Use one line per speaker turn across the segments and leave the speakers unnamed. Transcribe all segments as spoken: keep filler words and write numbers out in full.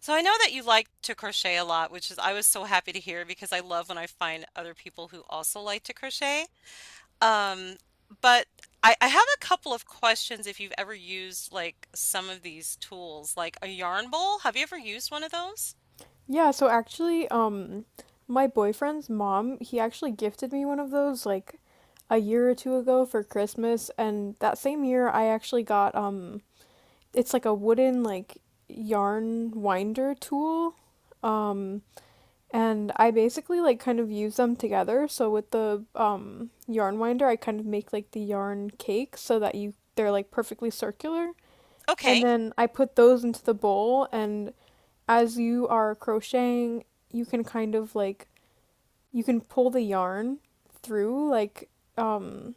So I know that you like to crochet a lot, which is I was so happy to hear because I love when I find other people who also like to crochet. Um, but I, I have a couple of questions if you've ever used like some of these tools, like a yarn bowl. Have you ever used one of those?
Yeah, so actually, um, my boyfriend's mom, he actually gifted me one of those like a year or two ago for Christmas, and that same year I actually got um it's like a wooden like yarn winder tool. Um, and I basically like kind of use them together. So with the um yarn winder, I kind of make like the yarn cake so that you they're like perfectly circular. And
Okay.
then I put those into the bowl, and as you are crocheting, you can kind of like you can pull the yarn through like um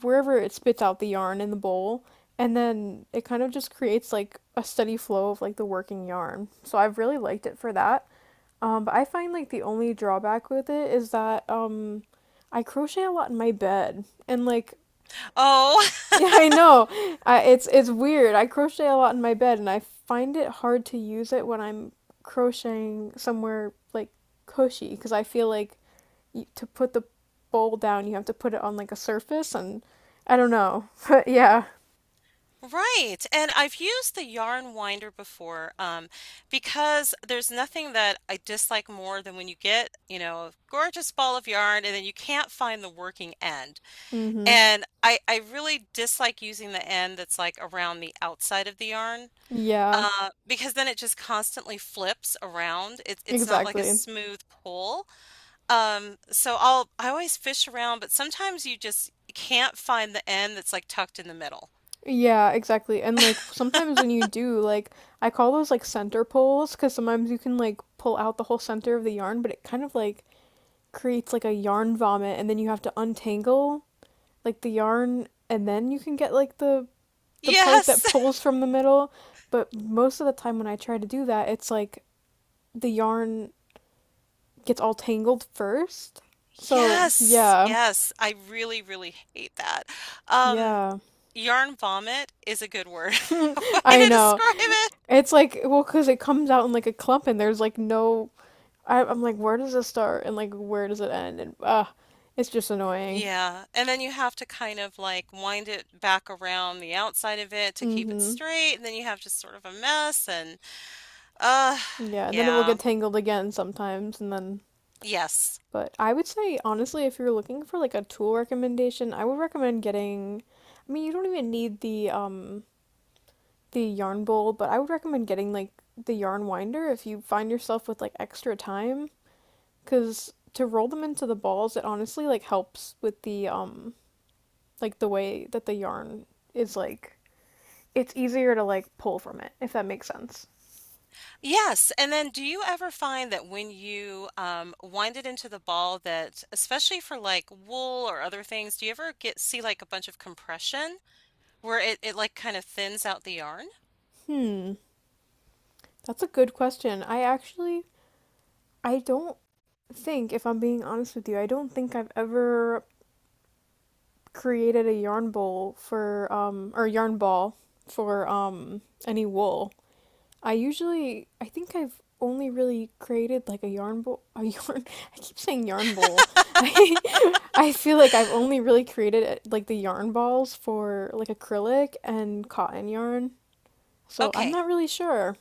wherever it spits out the yarn in the bowl, and then it kind of just creates like a steady flow of like the working yarn. So I've really liked it for that. Um, but I find like the only drawback with it is that um I crochet a lot in my bed, and like
Oh,
Yeah, I know. I, it's it's weird. I crochet a lot in my bed, and I find it hard to use it when I'm crocheting somewhere like cushy, because I feel like y to put the bowl down, you have to put it on like a surface, and I don't know. But yeah.
right. And I've used the yarn winder before, um, because there's nothing that I dislike more than when you get, you know, a gorgeous ball of yarn and then you can't find the working end.
Mm-hmm.
And I I really dislike using the end that's, like, around the outside of the yarn,
Yeah,
uh, because then it just constantly flips around. It's it's not like a
exactly.
smooth pull. Um, so I'll I always fish around, but sometimes you just can't find the end that's, like, tucked in the middle.
Yeah, exactly. And like sometimes when you do, like I call those like center pulls because sometimes you can like pull out the whole center of the yarn, but it kind of like creates like a yarn vomit and then you have to untangle. like the yarn and then you can get like the the part
Yes.
that pulls from the middle, but most of the time when I try to do that, it's like the yarn gets all tangled first. So,
Yes,
yeah.
yes. I really, really hate that. Um,
Yeah.
Yarn vomit is a good word way
I
to
know.
describe it.
It's like, well, cuz it comes out in like a clump and there's like no I, I'm like where does it start and like where does it end, and uh it's just annoying.
Yeah, and then you have to kind of like wind it back around the outside of it to keep it
Mhm.
straight, and then you have just sort of a mess and uh
Yeah, and then it will
yeah.
get tangled again sometimes, and then
Yes.
but I would say, honestly, if you're looking for like a tool recommendation, I would recommend getting, I mean, you don't even need the um the yarn bowl, but I would recommend getting like the yarn winder if you find yourself with like extra time, because to roll them into the balls, it honestly like helps with the um like the way that the yarn is like it's easier to like pull from it, if that makes sense.
Yes, and then do you ever find that when you um wind it into the ball that especially for like wool or other things, do you ever get see like a bunch of compression where it, it like kind of thins out the yarn?
Hmm, that's a good question. I actually I don't think, if I'm being honest with you, I don't think I've ever created a yarn bowl for um or yarn ball for um any wool. I usually I think I've only really created like a yarn bowl a yarn I keep saying yarn bowl. I I feel like I've only really created uh, like the yarn balls for like acrylic and cotton yarn. So I'm
Okay.
not really sure.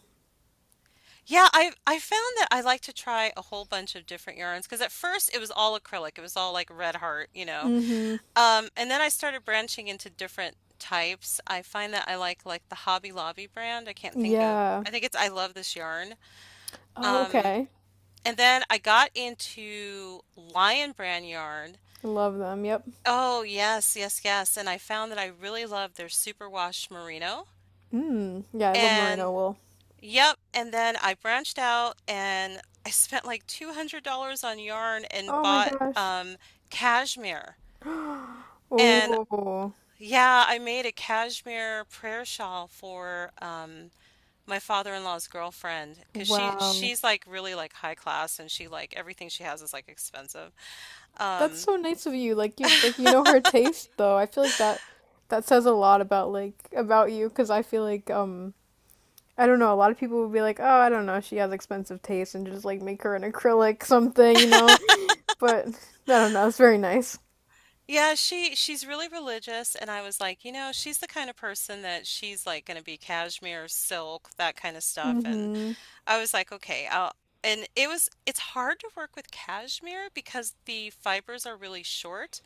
Yeah, I I found that I like to try a whole bunch of different yarns because at first it was all acrylic. It was all like Red Heart, you know.
Mm-hmm.
Um, and then I started branching into different types. I find that I like like the Hobby Lobby brand. I can't think of.
Yeah.
I think it's I Love This Yarn.
Oh,
Um,
okay.
and then I got into Lion brand yarn.
I love them. Yep.
Oh, yes, yes, yes. And I found that I really love their superwash merino.
Mm. Yeah, I love merino
And
wool.
yep, and then I branched out and I spent like two hundred dollars on yarn and
Oh my
bought
gosh.
um cashmere. And
Oh.
yeah, I made a cashmere prayer shawl for um my father-in-law's girlfriend because she
Wow.
she's like really like high class and she like everything she has is like expensive.
That's
Um
so nice of you. Like you like you know her taste though. I feel like that that says a lot about like about you, 'cause I feel like um I don't know, a lot of people would be like, "Oh, I don't know, she has expensive taste, and just like make her an acrylic something, you know?" But I don't know, it's very nice.
Yeah, she she's really religious and I was like, you know, she's the kind of person that she's like going to be cashmere, silk, that kind of stuff and
Mm-hmm.
I was like, okay, I'll and it was it's hard to work with cashmere because the fibers are really short.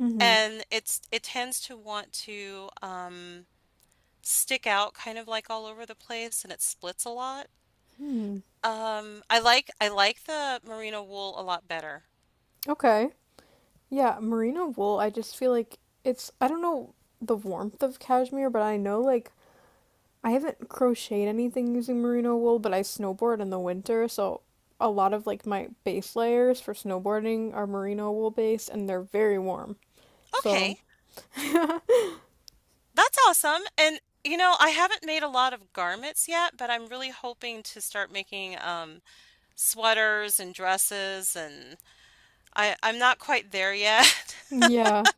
Mm-hmm.
And it's it tends to want to um, stick out kind of like all over the place and it splits a lot.
Hmm.
Um, I like I like the merino wool a lot better.
Okay. Yeah, merino wool, I just feel like it's I don't know the warmth of cashmere, but I know like I haven't crocheted anything using merino wool, but I snowboard in the winter, so a lot of like my base layers for snowboarding are merino wool based and they're very warm. So,
Okay, that's awesome. And you know, I haven't made a lot of garments yet, but I'm really hoping to start making um, sweaters and dresses, and I I'm not quite there yet.
yeah.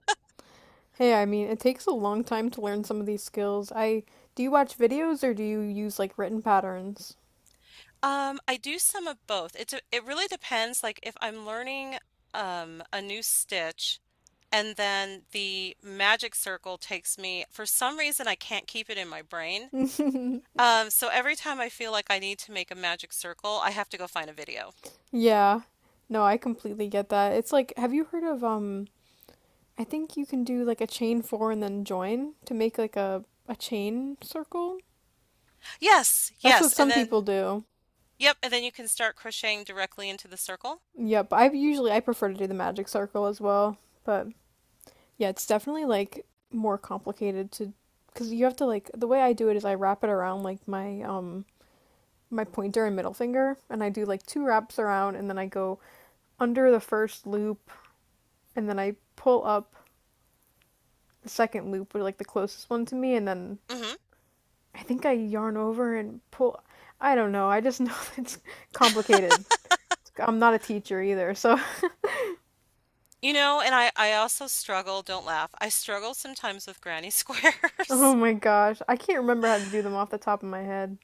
Hey, I mean, it takes a long time to learn some of these skills. I Do you watch videos or do you use like written patterns?
Um, I do some of both. It's a, it really depends. Like if I'm learning um, a new stitch. And then the magic circle takes me, for some reason, I can't keep it in my brain. Um, so every time I feel like I need to make a magic circle, I have to go find a video.
Yeah. No, I completely get that. It's like, have you heard of um I think you can do like a chain four and then join to make like a a chain circle?
Yes,
That's what
yes. And
some people
then,
do.
yep. And then you can start crocheting directly into the circle.
Yep, I usually I prefer to do the magic circle as well, but yeah, it's definitely like more complicated to because you have to like the way I do it is I wrap it around like my um my pointer and middle finger, and I do like two wraps around and then I go under the first loop and then I pull up the second loop or like the closest one to me, and then
Hmm.
I think I yarn over and pull I don't know. I just know it's complicated. I'm not a teacher either, so
You know, and I, I also struggle, don't laugh. I struggle sometimes with granny
oh
squares.
my gosh, I can't remember how to do them off the top of my head.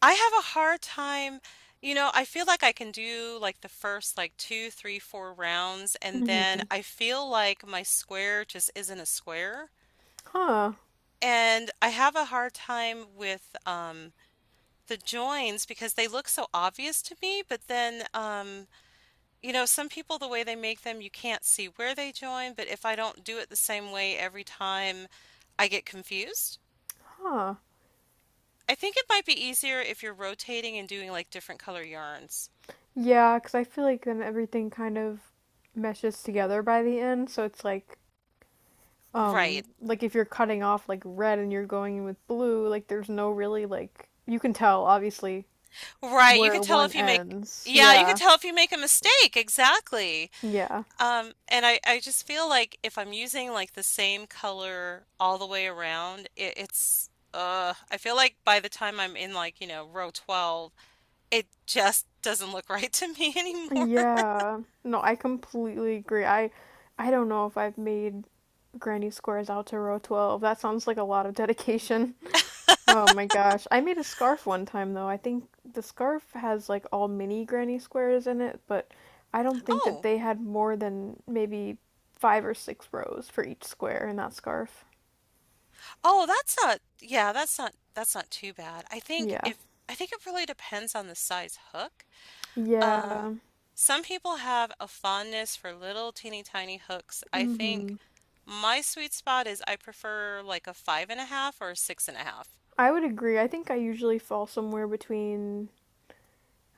I have a hard time, you know, I feel like I can do like the first like two, three, four rounds, and then
Hmm.
I feel like my square just isn't a square.
Huh.
And I have a hard time with um the joins because they look so obvious to me, but then um you know, some people the way they make them, you can't see where they join, but if I don't do it the same way every time, I get confused.
Huh.
I think it might be easier if you're rotating and doing like different color yarns.
Yeah, because I feel like then everything kind of meshes together by the end, so it's like, um,
Right.
like if you're cutting off like red and you're going in with blue, like there's no really like you can tell obviously
Right, you can
where
tell
one
if you make
ends.
yeah, you could
Yeah.
tell if you make a mistake, exactly.
Yeah.
Um, and I, I just feel like if I'm using like the same color all the way around, it, it's uh I feel like by the time I'm in like, you know, row twelve, it just doesn't look right to me anymore.
Yeah. No, I completely agree. I I don't know if I've made Granny Squares out to row twelve. That sounds like a lot of dedication. Oh my gosh. I made a scarf one time though. I think the scarf has like all mini granny squares in it, but I don't think that
Oh,
they had more than maybe five or six rows for each square in that scarf.
oh, that's not yeah, that's not that's not too bad. I think
Yeah.
if I think it really depends on the size hook. Um,
Yeah.
some people have a fondness for little teeny tiny hooks. I
Mm-hmm.
think my sweet spot is I prefer like a five and a half or a six and a half.
I would agree. I think I usually fall somewhere between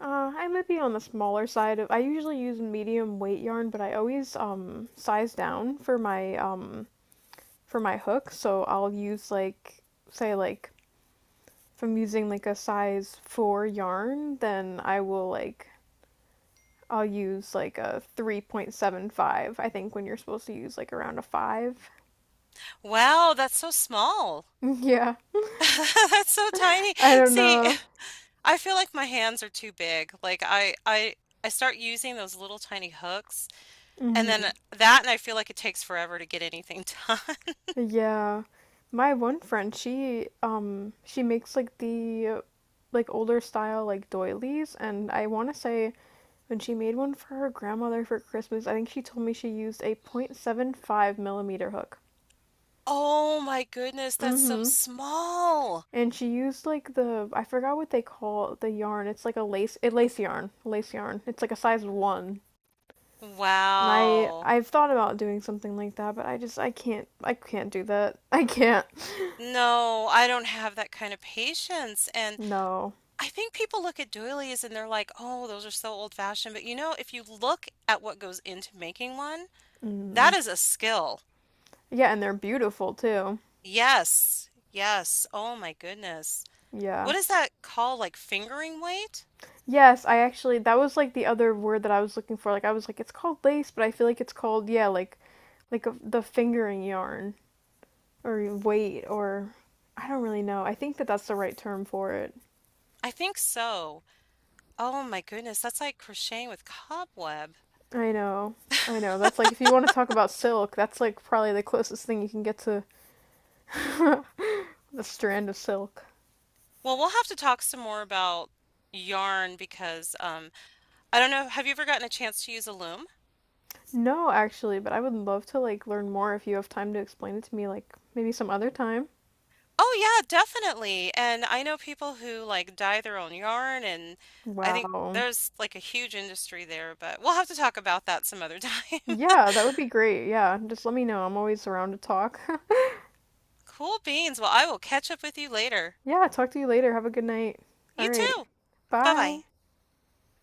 uh I might be on the smaller side of I usually use medium weight yarn, but I always um size down for my um for my hook, so I'll use like say like if I'm using like a size four yarn, then I will like I'll use like a three point seven five. I think when you're supposed to use like around a five.
Wow, that's so small.
Yeah.
That's so tiny.
I don't
See,
know.
I feel like my hands are too big. Like I, I, I start using those little tiny hooks, and then
Hmm.
that, and I feel like it takes forever to get anything done.
Yeah. My one friend, she um she makes like the like older style like doilies, and I want to say when she made one for her grandmother for Christmas, I think she told me she used a point seven five millimeter hook.
Oh my goodness, that's so
Mm-hmm.
small.
And she used like the I forgot what they call the yarn. It's like a lace a lace yarn. Lace yarn. It's like a size one. And I
Wow.
I've thought about doing something like that, but I just I can't I can't do that. I can't.
No, I don't have that kind of patience, and
No.
I think people look at doilies and they're like, "Oh, those are so old-fashioned." But you know, if you look at what goes into making one, that
Mm.
is a skill.
Yeah, and they're beautiful too.
Yes. Yes. Oh my goodness.
Yeah.
What is that called? Like fingering weight?
Yes, I actually that was like the other word that I was looking for. Like I was like it's called lace, but I feel like it's called yeah, like like a, the fingering yarn or weight or I don't really know. I think that that's the right term for it.
I think so. Oh my goodness, that's like crocheting with cobweb.
I know. I know. That's like if you want to talk about silk, that's like probably the closest thing you can get to the strand of silk.
Well, we'll have to talk some more about yarn because um I don't know, have you ever gotten a chance to use a loom?
No, actually, but I would love to like learn more if you have time to explain it to me like maybe some other time.
Oh yeah, definitely. And I know people who like dye their own yarn and I think
Wow.
there's like a huge industry there, but we'll have to talk about that some other time.
Yeah, that would be great. Yeah, just let me know. I'm always around to talk.
Cool beans. Well, I will catch up with you later.
Yeah, talk to you later. Have a good night. All
You
right.
too.
Bye.
Bye-bye.